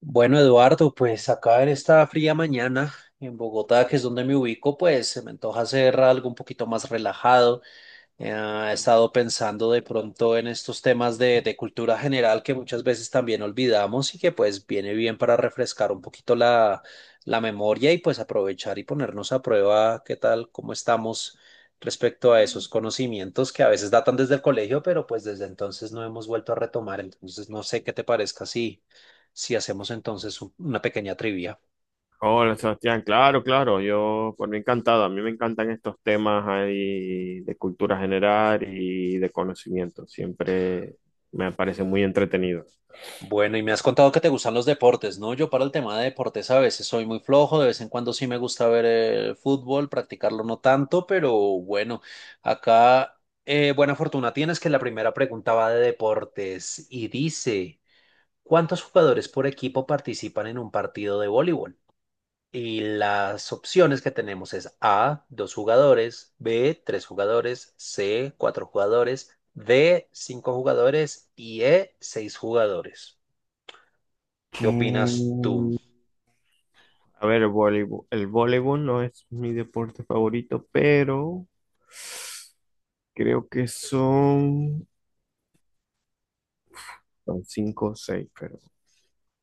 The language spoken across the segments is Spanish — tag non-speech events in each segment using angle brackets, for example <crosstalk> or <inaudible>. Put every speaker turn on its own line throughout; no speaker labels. Bueno, Eduardo, pues acá en esta fría mañana en Bogotá, que es donde me ubico, pues se me antoja hacer algo un poquito más relajado. Eh, he estado pensando de pronto en estos temas de cultura general que muchas veces también olvidamos y que pues viene bien para refrescar un poquito la memoria y pues aprovechar y ponernos a prueba qué tal, cómo estamos respecto a esos conocimientos que a veces datan desde el colegio, pero pues desde entonces no hemos vuelto a retomar. Entonces no sé qué te parezca si hacemos entonces una pequeña trivia.
Hola, Sebastián, claro, claro, yo por mí encantado. A mí me encantan estos temas ahí de cultura general y de conocimiento, siempre me parecen muy entretenidos.
Bueno, y me has contado que te gustan los deportes, ¿no? Yo para el tema de deportes a veces soy muy flojo, de vez en cuando sí me gusta ver el fútbol, practicarlo no tanto, pero bueno, acá buena fortuna tienes que la primera pregunta va de deportes y dice, ¿cuántos jugadores por equipo participan en un partido de voleibol? Y las opciones que tenemos es A, dos jugadores; B, tres jugadores; C, cuatro jugadores; D, cinco jugadores y E, seis jugadores. ¿Qué opinas tú?
Mm, A ver, el voleibol no es mi deporte favorito, pero creo que son cinco o seis, pero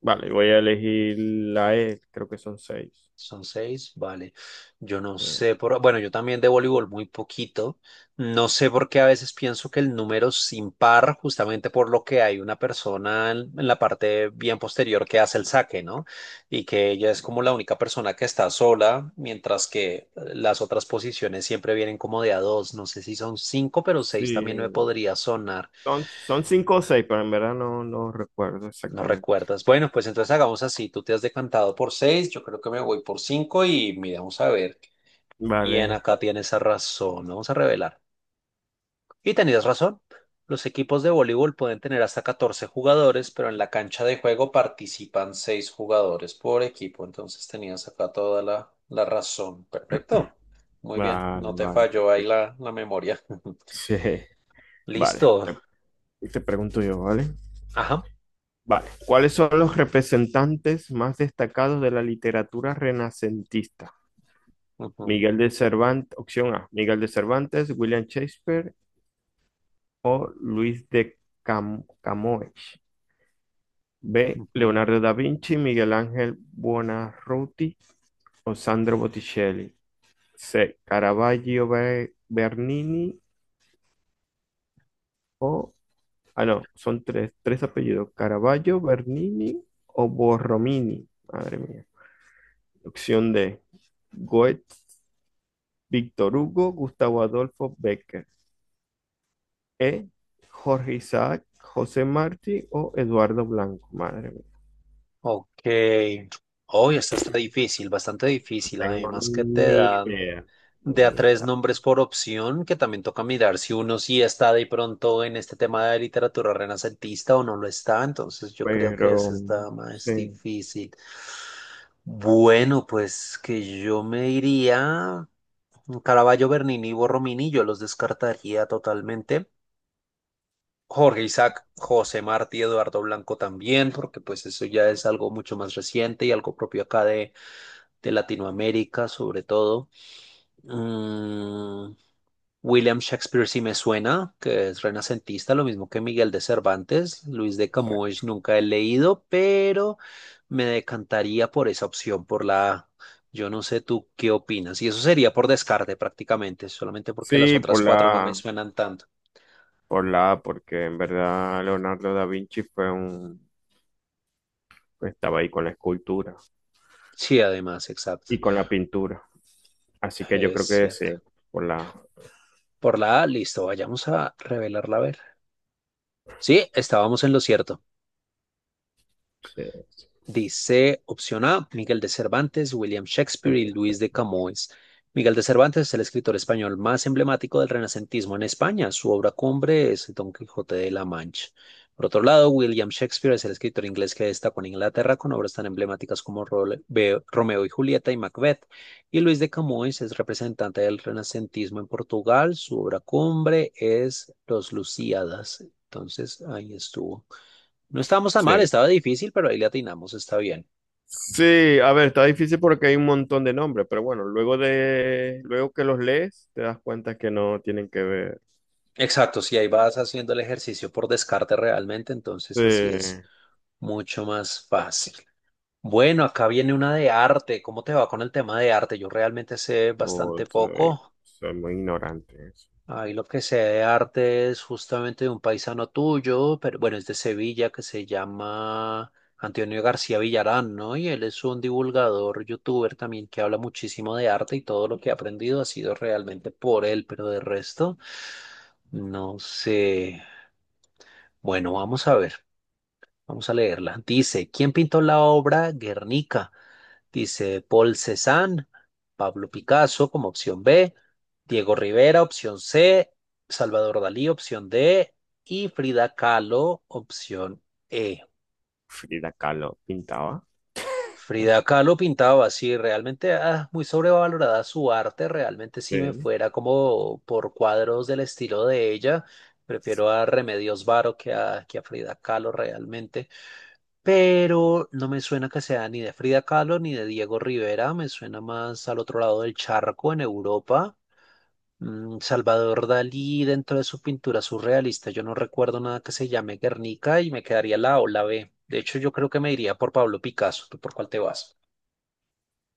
vale, voy a elegir la E, creo que son seis.
Son seis, vale. Yo no
Eh,
sé por, bueno, yo también de voleibol muy poquito. No sé por qué a veces pienso que el número es impar, justamente por lo que hay una persona en la parte bien posterior que hace el saque, ¿no? Y que ella es como la única persona que está sola, mientras que las otras posiciones siempre vienen como de a dos. No sé si son cinco, pero
Sí,
seis también me podría sonar.
son cinco o seis, pero en verdad no, no recuerdo
No
exactamente.
recuerdas. Bueno, pues entonces hagamos así. Tú te has decantado por seis, yo creo que me voy por cinco y miramos a ver quién
Vale.
acá tiene esa razón. Vamos a revelar. Y tenías razón. Los equipos de voleibol pueden tener hasta 14 jugadores, pero en la cancha de juego participan seis jugadores por equipo. Entonces tenías acá toda la razón. Perfecto. Muy bien.
Vale,
No te
vale,
falló ahí
perfecto.
la memoria. <laughs>
Sí, vale.
Listo.
Te pregunto yo, ¿vale?
Ajá.
Vale. ¿Cuáles son los representantes más destacados de la literatura renacentista?
Ujú,
Miguel de Cervantes, opción A, Miguel de Cervantes, William Shakespeare o Luis de Camões. B,
ujú.
Leonardo da Vinci, Miguel Ángel Buonarroti o Sandro Botticelli. C, Caravaggio, Bernini o... Ah, no, son tres apellidos: Caravaggio, Bernini o Borromini. Madre mía. Opción D, Goethe, Víctor Hugo, Gustavo Adolfo Becker. E, Jorge Isaac, José Martí o Eduardo Blanco. Madre mía,
Ok. Hoy esta está difícil, bastante
no
difícil.
tengo
Además que te
ni
dan
idea,
de a
ni
tres
idea,
nombres por opción, que también toca mirar si uno sí está de pronto en este tema de literatura renacentista o no lo está. Entonces yo creo que esa
pero
está más
sí,
difícil. Bueno, pues que yo me iría Caravaggio, Bernini y Borromini, yo los descartaría totalmente. Jorge Isaac, José Martí, Eduardo Blanco también, porque pues eso ya es algo mucho más reciente y algo propio acá de Latinoamérica, sobre todo. Mm, William Shakespeare sí me suena, que es renacentista, lo mismo que Miguel de Cervantes. Luis de
exacto.
Camões nunca he leído, pero me decantaría por esa opción, por la A. Yo no sé tú qué opinas. Y eso sería por descarte prácticamente, solamente porque las
Sí,
otras
por
cuatro no me suenan tanto.
por la A, porque en verdad Leonardo da Vinci fue un, estaba ahí con la escultura
Sí, además, exacto.
y con la pintura. Así que yo
Es
creo que sí,
cierto.
por la...
Por la A, listo, vayamos a revelarla a ver. Sí, estábamos en lo cierto.
Sí, sí,
Dice opción A, Miguel de Cervantes, William Shakespeare y Luis de Camões. Miguel de Cervantes es el escritor español más emblemático del renacentismo en España. Su obra cumbre es Don Quijote de la Mancha. Por otro lado, William Shakespeare es el escritor inglés que destacó en Inglaterra con obras tan emblemáticas como Romeo y Julieta y Macbeth. Y Luis de Camões es representante del renacentismo en Portugal. Su obra cumbre es Los Lusíadas. Entonces, ahí estuvo. No estábamos tan
sí.
mal, estaba difícil, pero ahí le atinamos, está bien.
Sí, a ver, está difícil porque hay un montón de nombres, pero bueno, luego que los lees, te das cuenta que no tienen que ver.
Exacto, si ahí vas haciendo el ejercicio por descarte realmente,
Sí,
entonces así es mucho más fácil. Bueno, acá viene una de arte. ¿Cómo te va con el tema de arte? Yo realmente sé
o
bastante poco.
soy muy ignorante.
Ahí lo que sé de arte es justamente de un paisano tuyo, pero bueno, es de Sevilla, que se llama Antonio García Villarán, ¿no? Y él es un divulgador, youtuber también que habla muchísimo de arte y todo lo que he aprendido ha sido realmente por él, pero de resto, no sé. Bueno, vamos a ver, vamos a leerla. Dice, ¿quién pintó la obra Guernica? Dice Paul Cézanne, Pablo Picasso como opción B, Diego Rivera opción C, Salvador Dalí opción D y Frida Kahlo opción E.
Frida Kahlo pintaba.
Frida Kahlo pintaba así, realmente muy sobrevalorada su arte, realmente si me
Sí.
fuera como por cuadros del estilo de ella, prefiero a Remedios Varo que a Frida Kahlo realmente. Pero no me suena que sea ni de Frida Kahlo ni de Diego Rivera, me suena más al otro lado del charco, en Europa. Salvador Dalí, dentro de su pintura surrealista, yo no recuerdo nada que se llame Guernica y me quedaría la A o, la B. De hecho, yo creo que me iría por Pablo Picasso. ¿Tú por cuál te vas?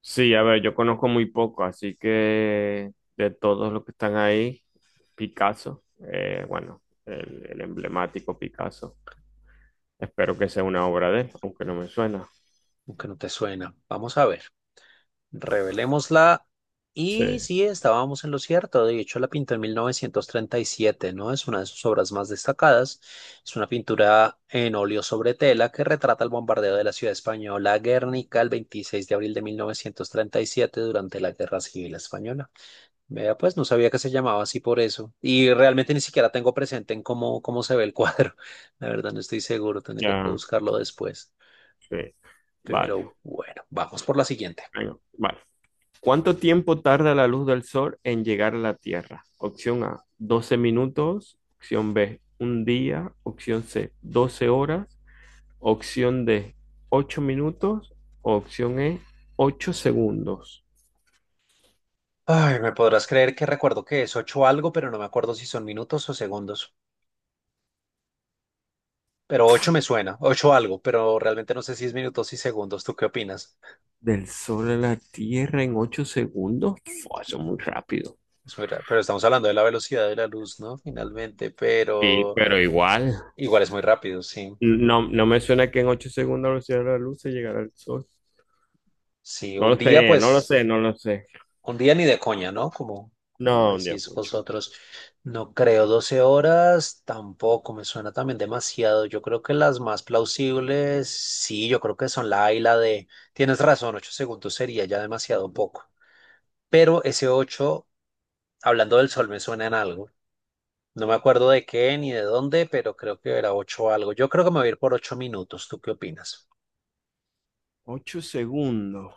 Sí, a ver, yo conozco muy poco, así que de todos los que están ahí, Picasso, bueno, el emblemático Picasso. Espero que sea una obra de él, aunque no me suena.
Aunque no te suena. Vamos a ver. Revelémosla.
Sí,
Y sí, estábamos en lo cierto. De hecho, la pintó en 1937, ¿no? Es una de sus obras más destacadas. Es una pintura en óleo sobre tela que retrata el bombardeo de la ciudad española Guernica el 26 de abril de 1937 durante la Guerra Civil Española. Vea, pues no sabía que se llamaba así por eso. Y realmente ni siquiera tengo presente en cómo se ve el cuadro. <laughs> La verdad, no estoy seguro. Tendría que
ya,
buscarlo después.
sí.
Pero
Vale,
bueno, vamos por la siguiente.
venga, vale. ¿Cuánto tiempo tarda la luz del sol en llegar a la Tierra? Opción A, 12 minutos. Opción B, un día. Opción C, 12 horas. Opción D, 8 minutos. Opción E, 8 segundos.
Ay, me podrás creer que recuerdo que es ocho algo, pero no me acuerdo si son minutos o segundos. Pero ocho me suena, ocho algo, pero realmente no sé si es minutos y segundos. ¿Tú qué opinas?
Del Sol a la Tierra en 8 segundos. Fua, eso es muy rápido.
Pero estamos hablando de la velocidad de la luz, ¿no? Finalmente,
Sí,
pero
pero igual.
igual es muy rápido, sí.
No, no me suena que en 8 segundos a la velocidad de la luz se llegará al Sol.
Sí,
No
un
lo
día,
sé, no lo
pues.
sé, no lo sé.
Un día ni de coña, ¿no? Como
No, un Dios,
decís
mucho.
vosotros. No creo 12 horas, tampoco me suena también demasiado. Yo creo que las más plausibles, sí, yo creo que son la A y la D. Tienes razón, 8 segundos sería ya demasiado poco. Pero ese 8, hablando del sol, me suena en algo. No me acuerdo de qué ni de dónde, pero creo que era 8 algo. Yo creo que me voy a ir por 8 minutos. ¿Tú qué opinas?
8 segundos.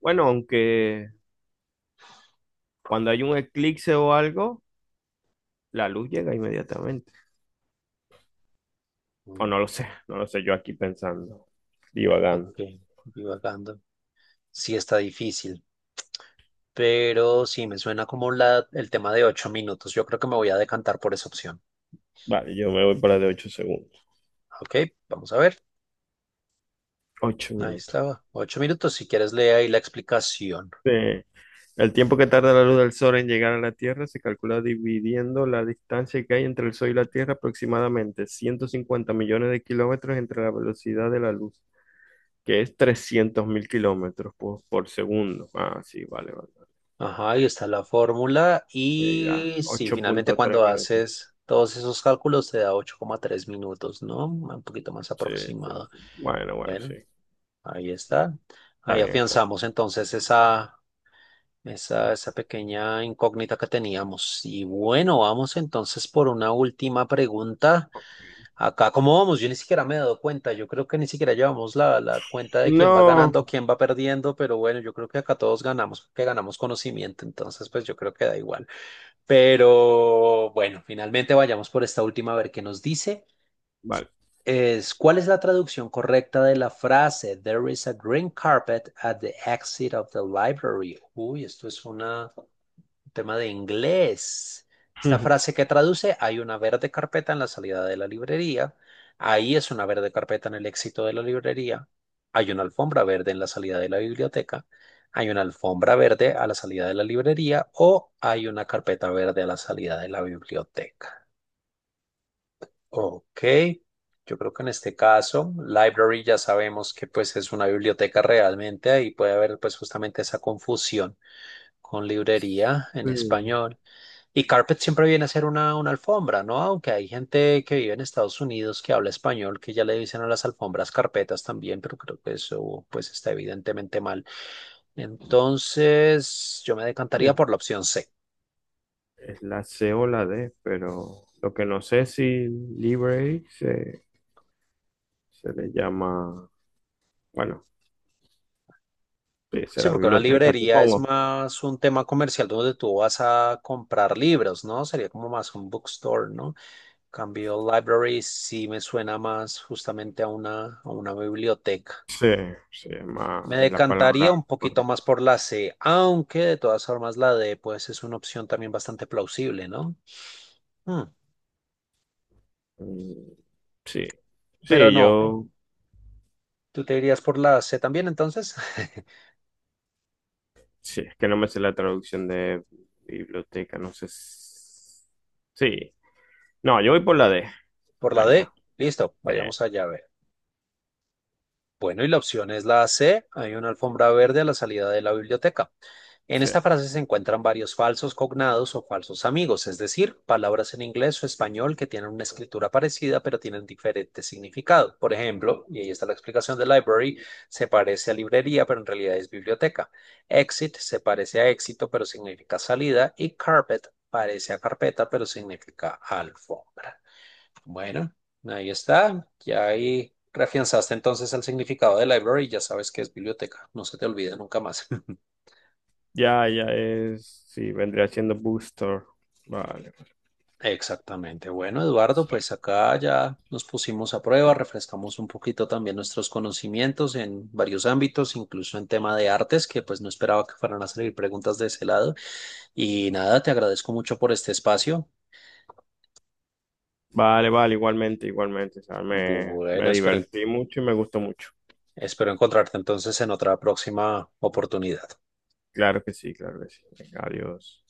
Bueno, aunque cuando hay un eclipse o algo, la luz llega inmediatamente. O
Mm,
no lo sé, no lo sé, yo aquí pensando, divagando.
ok, divagando. Sí, está difícil. Pero sí me suena como el tema de 8 minutos. Yo creo que me voy a decantar por esa opción.
Vale, yo me voy para de 8 segundos.
Ok, vamos a ver.
ocho
Ahí
minutos.
estaba. 8 minutos. Si quieres, lee ahí la explicación.
Eh, el tiempo que tarda la luz del sol en llegar a la Tierra se calcula dividiendo la distancia que hay entre el sol y la Tierra, aproximadamente 150 millones de kilómetros entre la velocidad de la luz, que es 300.000 kilómetros por segundo. Ah, sí, vale, vale.
Ajá, ahí está la fórmula.
Ya,
Y sí,
ocho
finalmente
punto tres
cuando
minutos.
haces todos esos cálculos te da 8,3 minutos, ¿no? Un poquito más
Sí, sí,
aproximado.
sí. Bueno, bueno, sí.
Bueno, ahí está.
Está
Ahí
bien, está bien.
afianzamos entonces esa pequeña incógnita que teníamos. Y bueno, vamos entonces por una última pregunta. Acá, ¿cómo vamos? Yo ni siquiera me he dado cuenta. Yo creo que ni siquiera llevamos la cuenta de quién va
No,
ganando, quién va perdiendo, pero bueno, yo creo que acá todos ganamos, que ganamos conocimiento, entonces pues yo creo que da igual. Pero bueno, finalmente vayamos por esta última a ver qué nos dice.
vale.
¿Cuál es la traducción correcta de la frase There is a green carpet at the exit of the library? Uy, esto es una. Tema de inglés. Esta
<laughs>
frase que traduce, hay una verde carpeta en la salida de la librería. Ahí es una verde carpeta en el éxito de la librería. Hay una alfombra verde en la salida de la biblioteca. Hay una alfombra verde a la salida de la librería o hay una carpeta verde a la salida de la biblioteca. Ok, yo creo que en este caso, library ya sabemos que pues es una biblioteca realmente, ahí puede haber pues justamente esa confusión con librería en
Sí.
español. Y carpet siempre viene a ser una alfombra, ¿no? Aunque hay gente que vive en Estados Unidos que habla español, que ya le dicen a las alfombras carpetas también, pero creo que eso pues está evidentemente mal. Entonces, yo me decantaría por la opción C.
Es la C o la D, pero lo que no sé es si library se le llama, bueno, sí,
Sí,
será
porque una
biblioteca,
librería es
supongo.
más un tema comercial donde tú vas a comprar libros, ¿no? Sería como más un bookstore, ¿no? En cambio library sí me suena más justamente a una, biblioteca.
Sí, se llama,
Me
es la
decantaría
palabra
un poquito
correcta.
más por la C, aunque de todas formas la D pues es una opción también bastante plausible, ¿no? Hmm.
Mm. Sí,
Pero
sí,
no,
yo,
tú te irías por la C también entonces, <laughs>
sí, es que no me sé la traducción de biblioteca, no sé. Sí, no, yo voy por la D,
por la
venga.
D. Listo,
Sí,
vayamos allá a ver. Bueno, y la opción es la C. Hay una
sí,
alfombra verde a la salida de la biblioteca. En
sí.
esta frase se encuentran varios falsos cognados o falsos amigos, es decir, palabras en inglés o español que tienen una escritura parecida pero tienen diferente significado. Por ejemplo, y ahí está la explicación de library, se parece a librería pero en realidad es biblioteca. Exit se parece a éxito pero significa salida y carpet parece a carpeta pero significa alfombra. Bueno, ahí está. Ya ahí reafianzaste entonces el significado de library y ya sabes que es biblioteca. No se te olvide nunca más. <laughs>
Ya, ya es, sí, vendría siendo booster. Vale,
Exactamente. Bueno, Eduardo,
vale.
pues acá ya nos pusimos a prueba, refrescamos un poquito también nuestros conocimientos en varios ámbitos, incluso en tema de artes, que pues no esperaba que fueran a salir preguntas de ese lado. Y nada, te agradezco mucho por este espacio.
Vale, vale, igualmente, igualmente. O sea,
Bueno,
me
espero,
divertí mucho y me gustó mucho.
espero encontrarte entonces en otra próxima oportunidad.
Claro que sí, claro que sí. Venga, adiós.